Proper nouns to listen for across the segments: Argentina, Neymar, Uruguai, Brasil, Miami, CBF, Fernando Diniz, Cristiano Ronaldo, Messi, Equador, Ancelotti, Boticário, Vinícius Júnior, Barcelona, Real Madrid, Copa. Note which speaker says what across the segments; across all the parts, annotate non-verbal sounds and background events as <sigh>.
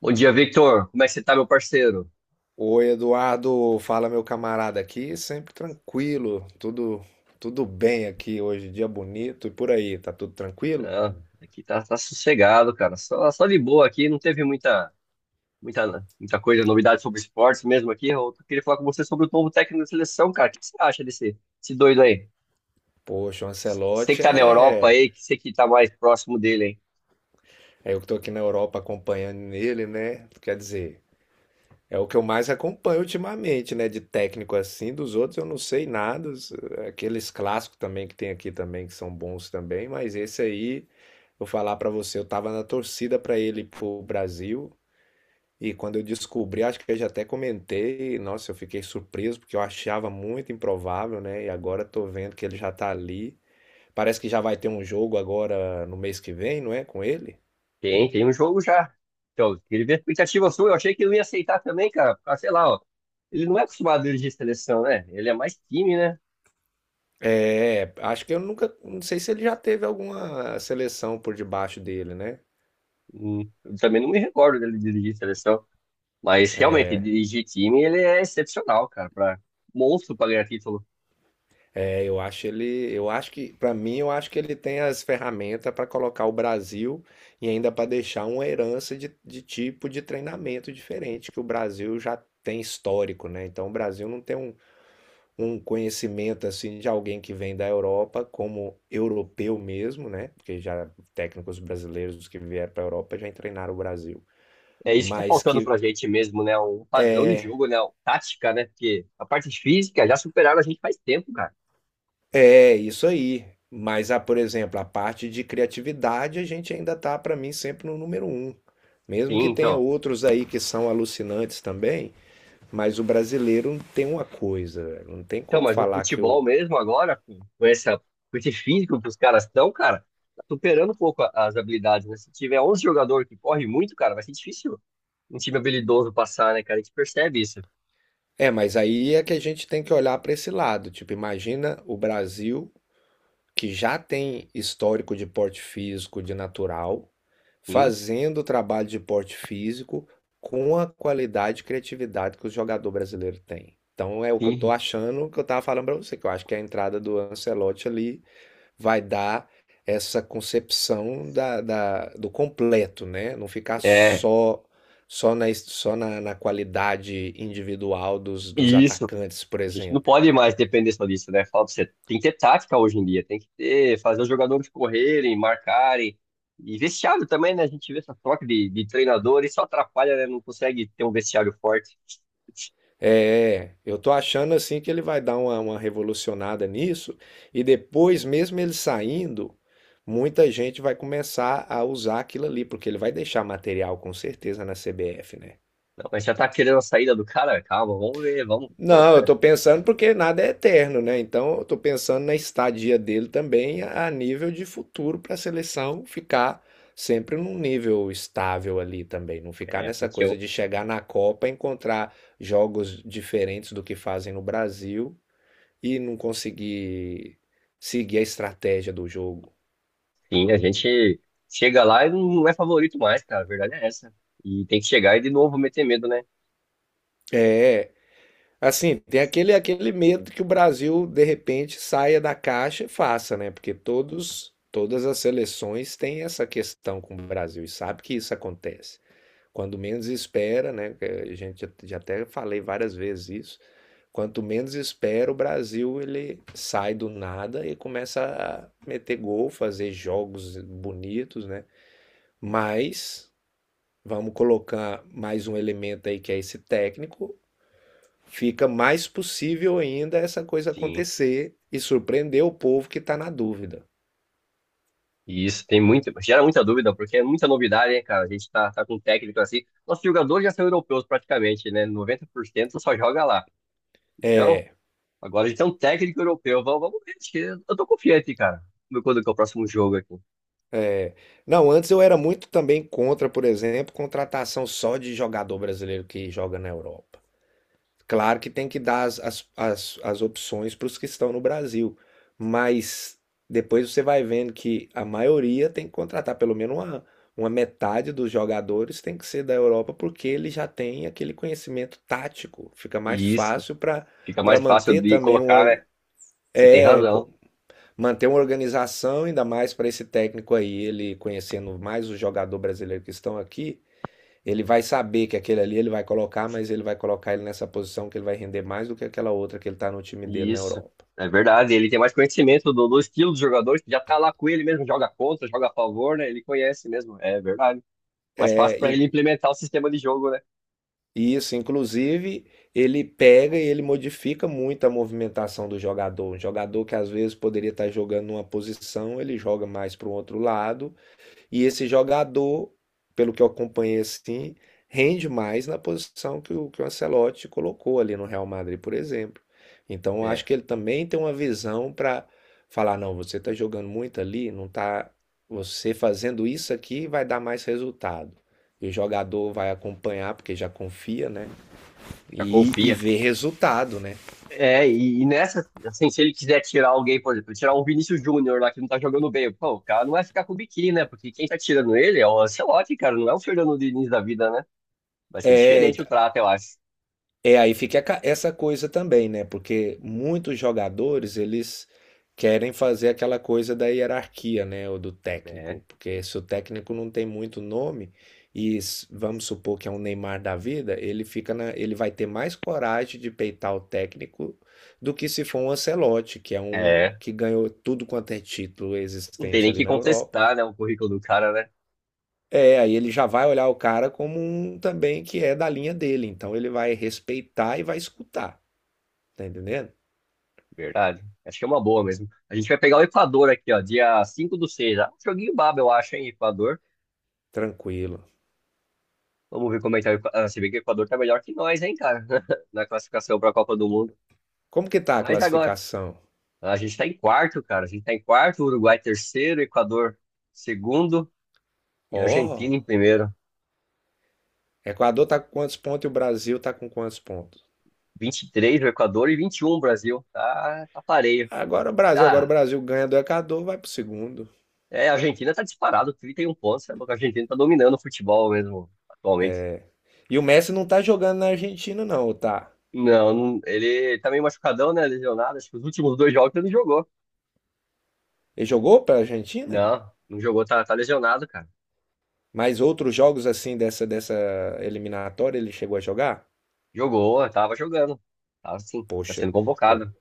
Speaker 1: Bom dia, Victor. Como é que você tá, meu parceiro?
Speaker 2: Oi, Eduardo, fala meu camarada aqui, sempre tranquilo, tudo bem aqui hoje, dia bonito e por aí, tá tudo tranquilo?
Speaker 1: Ah, aqui tá sossegado, cara. Só de boa aqui, não teve muita coisa, novidade sobre esportes mesmo aqui. Eu queria falar com você sobre o novo técnico da seleção, cara. O que você acha desse doido aí?
Speaker 2: Poxa, o
Speaker 1: Você que
Speaker 2: Ancelotti
Speaker 1: tá na Europa aí, que você que tá mais próximo dele, hein?
Speaker 2: é eu que tô aqui na Europa acompanhando ele, né? Quer dizer, é o que eu mais acompanho ultimamente, né, de técnico assim, dos outros eu não sei nada, aqueles clássicos também que tem aqui também que são bons também, mas esse aí, vou falar pra você, eu tava na torcida pra ele ir pro Brasil. E quando eu descobri, acho que eu já até comentei, nossa, eu fiquei surpreso porque eu achava muito improvável, né? E agora tô vendo que ele já tá ali. Parece que já vai ter um jogo agora no mês que vem, não é? Com ele?
Speaker 1: Tem um jogo já. Então, eu queria ver a expectativa sua. Eu achei que ele não ia aceitar também, cara. Ah, sei lá, ó. Ele não é acostumado a dirigir seleção, né? Ele é mais time, né?
Speaker 2: É, acho que eu nunca, não sei se ele já teve alguma seleção por debaixo dele, né?
Speaker 1: Eu também não me recordo dele dirigir seleção. Mas realmente, dirigir time, ele é excepcional, cara, para monstro para ganhar título.
Speaker 2: É, eu acho que, pra mim, eu acho que ele tem as ferramentas pra colocar o Brasil e ainda pra deixar uma herança de tipo de treinamento diferente que o Brasil já tem histórico, né? Então o Brasil não tem um conhecimento assim de alguém que vem da Europa, como europeu mesmo, né? Porque já técnicos brasileiros que vieram para a Europa já treinaram o Brasil.
Speaker 1: É isso que tá
Speaker 2: Mas
Speaker 1: faltando
Speaker 2: que
Speaker 1: pra gente mesmo, né? Um padrão de jogo, né? Um tática, né? Porque a parte física já superaram a gente faz tempo, cara.
Speaker 2: é isso aí. Mas, ah, por exemplo, a parte de criatividade a gente ainda tá, para mim, sempre no número um. Mesmo
Speaker 1: Sim,
Speaker 2: que tenha
Speaker 1: então.
Speaker 2: outros aí que são alucinantes também, mas o brasileiro tem uma coisa, velho, não tem
Speaker 1: Então,
Speaker 2: como
Speaker 1: mas no
Speaker 2: falar que o.
Speaker 1: futebol mesmo agora, com com esse físico que os caras estão, cara, tá superando um pouco as habilidades, né? Se tiver 11 jogador que corre muito, cara, vai ser difícil um time habilidoso passar, né, cara? A gente percebe isso.
Speaker 2: É, mas aí é que a gente tem que olhar para esse lado. Tipo, imagina o Brasil que já tem histórico de porte físico de natural,
Speaker 1: Sim,
Speaker 2: fazendo o trabalho de porte físico com a qualidade e criatividade que o jogador brasileiro tem. Então é o que eu estou
Speaker 1: sim.
Speaker 2: achando, que eu estava falando para você, que eu acho que a entrada do Ancelotti ali vai dar essa concepção da, do completo, né? Não ficar
Speaker 1: É,
Speaker 2: só na, na qualidade individual dos, dos
Speaker 1: isso.
Speaker 2: atacantes, por
Speaker 1: A gente não
Speaker 2: exemplo.
Speaker 1: pode mais depender só disso, né? Fala pra você, tem que ter tática hoje em dia, tem que ter, fazer os jogadores correrem, marcarem. E vestiário também, né? A gente vê essa troca de treinador e só atrapalha, né? Não consegue ter um vestiário forte.
Speaker 2: É, eu tô achando assim que ele vai dar uma revolucionada nisso, e depois, mesmo ele saindo, muita gente vai começar a usar aquilo ali, porque ele vai deixar material com certeza na CBF, né?
Speaker 1: Não, mas já tá querendo a saída do cara? Calma, vamos ver, vamos.
Speaker 2: Não, eu tô
Speaker 1: <laughs>
Speaker 2: pensando porque nada é eterno, né? Então eu tô pensando na estadia dele também a nível de futuro para a seleção ficar sempre num nível estável ali também, não ficar
Speaker 1: É,
Speaker 2: nessa
Speaker 1: porque
Speaker 2: coisa de chegar na Copa e encontrar jogos diferentes do que fazem no Brasil e não conseguir seguir a estratégia do jogo.
Speaker 1: sim, a gente chega lá e não é favorito mais, cara. A verdade é essa. E tem que chegar e de novo meter medo, né?
Speaker 2: É, assim, tem aquele medo que o Brasil, de repente, saia da caixa e faça, né? Porque todos, todas as seleções têm essa questão com o Brasil e sabe que isso acontece. Quando menos espera, né? que A gente já até falei várias vezes isso. Quanto menos espera, o Brasil ele sai do nada e começa a meter gol, fazer jogos bonitos, né? Mas vamos colocar mais um elemento aí que é esse técnico. Fica mais possível ainda essa coisa
Speaker 1: Sim.
Speaker 2: acontecer e surpreender o povo que está na dúvida.
Speaker 1: E isso tem muito, gera muita dúvida, porque é muita novidade, hein, cara? A gente tá com um técnico assim. Nossos jogadores já são europeus praticamente, né? 90% só joga lá. Então,
Speaker 2: É,
Speaker 1: agora a gente tem um técnico europeu. Vamos ver. Acho que eu tô confiante, cara. Vamos ver quando que é o próximo jogo aqui.
Speaker 2: é. Não, antes eu era muito também contra, por exemplo, contratação só de jogador brasileiro que joga na Europa. Claro que tem que dar as, as opções para os que estão no Brasil, mas depois você vai vendo que a maioria tem que contratar pelo menos uma metade dos jogadores tem que ser da Europa porque ele já tem aquele conhecimento tático. Fica mais
Speaker 1: E isso.
Speaker 2: fácil para
Speaker 1: Fica
Speaker 2: para
Speaker 1: mais fácil
Speaker 2: manter
Speaker 1: de
Speaker 2: também um
Speaker 1: colocar, né? Você tem
Speaker 2: é
Speaker 1: razão.
Speaker 2: co- manter uma organização ainda mais para esse técnico aí, ele conhecendo mais o jogador brasileiro que estão aqui, ele vai saber que aquele ali ele vai colocar, mas ele vai colocar ele nessa posição que ele vai render mais do que aquela outra que ele está no time
Speaker 1: E
Speaker 2: dele na
Speaker 1: isso.
Speaker 2: Europa.
Speaker 1: É verdade. Ele tem mais conhecimento do estilo dos jogadores, que já tá lá com ele mesmo, joga contra, joga a favor, né? Ele conhece mesmo. É verdade. Mais fácil
Speaker 2: É,
Speaker 1: pra
Speaker 2: in-
Speaker 1: ele implementar o sistema de jogo, né?
Speaker 2: e isso, inclusive, ele pega e ele modifica muito a movimentação do jogador. Um jogador que às vezes poderia estar jogando numa posição, ele joga mais para o outro lado. E esse jogador, pelo que eu acompanhei assim, rende mais na posição que que o Ancelotti colocou ali no Real Madrid, por exemplo. Então, eu acho
Speaker 1: É,
Speaker 2: que ele também tem uma visão para falar, não, você está jogando muito ali, não tá, você fazendo isso aqui vai dar mais resultado. E o jogador vai acompanhar, porque já confia, né?
Speaker 1: já
Speaker 2: E
Speaker 1: confia.
Speaker 2: vê resultado, né?
Speaker 1: É, e nessa, assim, se ele quiser tirar alguém, por exemplo, tirar um Vinícius Júnior lá que não tá jogando bem, pô, o cara não vai ficar com o biquíni, né? Porque quem tá tirando ele é o Ancelotti, cara, não é o Fernando Diniz da vida, né? Vai ser
Speaker 2: É,
Speaker 1: diferente o trato, eu acho.
Speaker 2: Aí fica a essa coisa também, né? Porque muitos jogadores, eles querem fazer aquela coisa da hierarquia, né? Ou do
Speaker 1: É,
Speaker 2: técnico. Porque se o técnico não tem muito nome, vamos supor que é um Neymar da vida, ele fica na, ele vai ter mais coragem de peitar o técnico do que se for um Ancelotti, que é um
Speaker 1: é,
Speaker 2: que ganhou tudo quanto é título
Speaker 1: não tem
Speaker 2: existente
Speaker 1: nem
Speaker 2: ali
Speaker 1: que
Speaker 2: na Europa.
Speaker 1: contestar, né, o currículo do cara, né?
Speaker 2: É, aí ele já vai olhar o cara como um também que é da linha dele, então ele vai respeitar e vai escutar. Tá entendendo?
Speaker 1: Verdade. Acho que é uma boa mesmo. A gente vai pegar o Equador aqui, ó, dia 5 do 6. Ah, um joguinho baba, eu acho, hein, Equador.
Speaker 2: Tranquilo.
Speaker 1: Vamos ver como é que tá o se bem que o Equador tá melhor que nós, hein, cara, <laughs> na classificação pra Copa do Mundo.
Speaker 2: Como que tá a
Speaker 1: Mas agora.
Speaker 2: classificação?
Speaker 1: A gente tá em quarto, cara. A gente tá em quarto, Uruguai terceiro, Equador segundo e Argentina em
Speaker 2: Ó,
Speaker 1: primeiro.
Speaker 2: Equador tá com quantos pontos e o Brasil tá com quantos pontos?
Speaker 1: 23 o Equador e 21 o Brasil. Tá pareio.
Speaker 2: Agora o
Speaker 1: Ah,
Speaker 2: Brasil ganha do Equador, vai pro segundo.
Speaker 1: é, a Argentina tá disparado, 31 pontos. Sabe? A Argentina tá dominando o futebol mesmo atualmente.
Speaker 2: E o Messi não tá jogando na Argentina não, ou tá?
Speaker 1: Ele tá meio machucadão, né? Lesionado. Acho que os últimos dois jogos ele não jogou.
Speaker 2: Ele jogou pra Argentina?
Speaker 1: Não, não jogou, tá lesionado, cara.
Speaker 2: Mas outros jogos assim dessa eliminatória ele chegou a jogar?
Speaker 1: Jogou, tava jogando. Tava sim, tá
Speaker 2: Poxa,
Speaker 1: sendo
Speaker 2: o,
Speaker 1: convocado.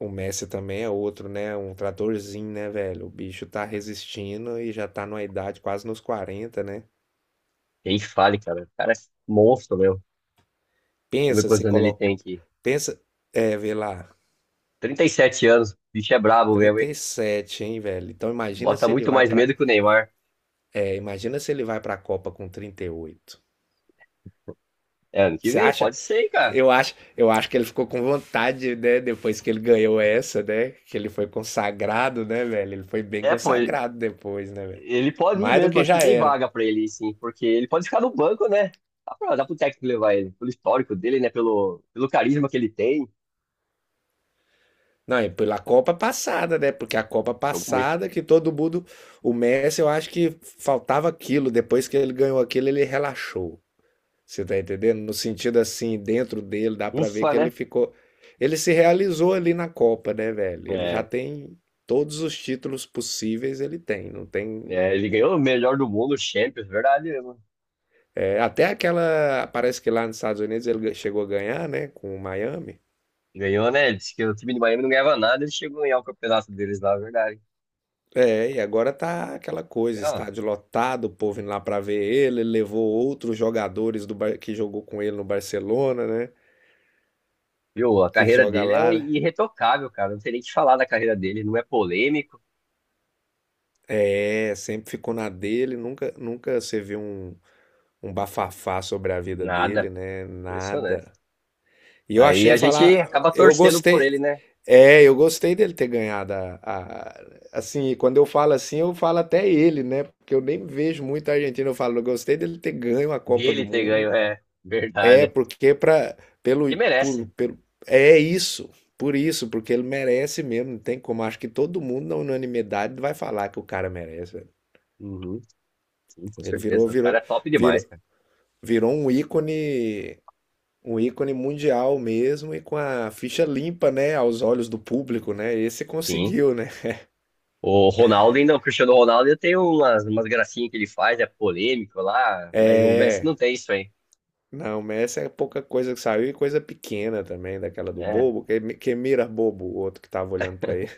Speaker 2: o Messi também é outro, né? Um tratorzinho, né, velho? O bicho tá resistindo e já tá numa idade quase nos 40, né?
Speaker 1: Quem fale, cara. O cara é monstro, meu. Vamos ver
Speaker 2: Pensa se
Speaker 1: quantos anos
Speaker 2: colo
Speaker 1: ele tem aqui.
Speaker 2: Pensa, é, vê lá,
Speaker 1: 37 anos, o bicho é brabo mesmo,
Speaker 2: trinta
Speaker 1: hein?
Speaker 2: e sete hein, velho? Então imagina
Speaker 1: Bota
Speaker 2: se ele
Speaker 1: muito
Speaker 2: vai
Speaker 1: mais
Speaker 2: pra.
Speaker 1: medo que o Neymar.
Speaker 2: É, imagina se ele vai pra Copa com 38.
Speaker 1: É, ano que
Speaker 2: Você
Speaker 1: vem,
Speaker 2: acha?
Speaker 1: pode ser, hein, cara.
Speaker 2: Eu acho que ele ficou com vontade, né, depois que ele ganhou essa, né? Que ele foi consagrado, né, velho? Ele foi bem
Speaker 1: É, pô, ele
Speaker 2: consagrado depois, né, velho?
Speaker 1: ele pode ir
Speaker 2: Mais do
Speaker 1: mesmo,
Speaker 2: que
Speaker 1: acho
Speaker 2: já
Speaker 1: que tem
Speaker 2: era.
Speaker 1: vaga pra ele, ir, sim, porque ele pode ficar no banco, né? Dá pro técnico levar ele, pelo histórico dele, né? Pelo carisma que ele tem.
Speaker 2: Não, e pela Copa passada, né? Porque a Copa
Speaker 1: Jogo muito.
Speaker 2: passada que todo mundo, o Messi, eu acho que faltava aquilo. Depois que ele ganhou aquilo, ele relaxou. Você tá entendendo? No sentido assim, dentro dele, dá pra ver
Speaker 1: Ufa,
Speaker 2: que ele
Speaker 1: né?
Speaker 2: ficou. Ele se realizou ali na Copa, né, velho? Ele já
Speaker 1: É,
Speaker 2: tem todos os títulos possíveis, ele tem. Não tem.
Speaker 1: é, ele ganhou o melhor do mundo, o Champions, verdade mesmo.
Speaker 2: É, até aquela. Parece que lá nos Estados Unidos ele chegou a ganhar, né? Com o Miami.
Speaker 1: Ganhou, né? Ele disse que o time de Miami não ganhava nada, ele chegou a ganhar o campeonato deles lá, verdade.
Speaker 2: É, e agora tá aquela coisa,
Speaker 1: Ah,
Speaker 2: estádio lotado, o povo indo lá pra ver ele, ele levou outros jogadores do que jogou com ele no Barcelona, né?
Speaker 1: viu? A
Speaker 2: Que
Speaker 1: carreira
Speaker 2: joga
Speaker 1: dele é
Speaker 2: lá, né?
Speaker 1: irretocável, cara. Não tem nem o que falar da carreira dele. Não é polêmico,
Speaker 2: É, sempre ficou na dele, nunca você viu um bafafá sobre a vida dele,
Speaker 1: nada.
Speaker 2: né?
Speaker 1: Impressionante.
Speaker 2: Nada. E eu
Speaker 1: Aí
Speaker 2: achei
Speaker 1: a gente
Speaker 2: falar,
Speaker 1: acaba
Speaker 2: eu
Speaker 1: torcendo por
Speaker 2: gostei.
Speaker 1: ele, né?
Speaker 2: É, eu gostei dele ter ganhado assim, quando eu falo assim, eu falo até ele, né? Porque eu nem vejo muito a Argentina, eu falo, eu gostei dele ter ganho a Copa do
Speaker 1: Dele ter
Speaker 2: Mundo.
Speaker 1: ganho, é
Speaker 2: É,
Speaker 1: verdade.
Speaker 2: porque para
Speaker 1: Que merece.
Speaker 2: pelo é isso. Por isso, porque ele merece mesmo, não tem como. Acho que todo mundo na unanimidade vai falar que o cara merece, velho.
Speaker 1: Uhum, sim, com
Speaker 2: Ele virou,
Speaker 1: certeza. O cara
Speaker 2: virou,
Speaker 1: é top demais,
Speaker 2: virou,
Speaker 1: cara.
Speaker 2: virou um ícone. Um ícone mundial mesmo e com a ficha limpa, né, aos olhos do público, né? Esse
Speaker 1: Sim.
Speaker 2: conseguiu, né?
Speaker 1: O Ronaldo ainda, o Cristiano Ronaldo tem umas gracinhas que ele faz, é polêmico lá, mas o Messi
Speaker 2: É.
Speaker 1: não tem isso aí.
Speaker 2: Não, Messi é pouca coisa que saiu e coisa pequena também, daquela do
Speaker 1: É,
Speaker 2: bobo, que mira bobo, o outro que tava olhando pra ele.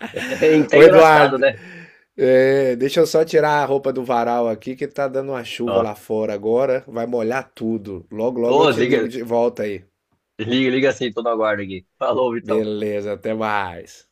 Speaker 1: <laughs> é
Speaker 2: <laughs>
Speaker 1: até
Speaker 2: Ô,
Speaker 1: engraçado,
Speaker 2: Eduardo,
Speaker 1: né?
Speaker 2: é, deixa eu só tirar a roupa do varal aqui, que tá dando uma chuva
Speaker 1: Ó,
Speaker 2: lá fora agora, vai molhar tudo. Logo, logo eu
Speaker 1: Ô,
Speaker 2: te ligo
Speaker 1: liga,
Speaker 2: de volta aí.
Speaker 1: liga, liga assim, tô no aguardo aqui. Falou, Vitão. Até.
Speaker 2: Beleza, até mais.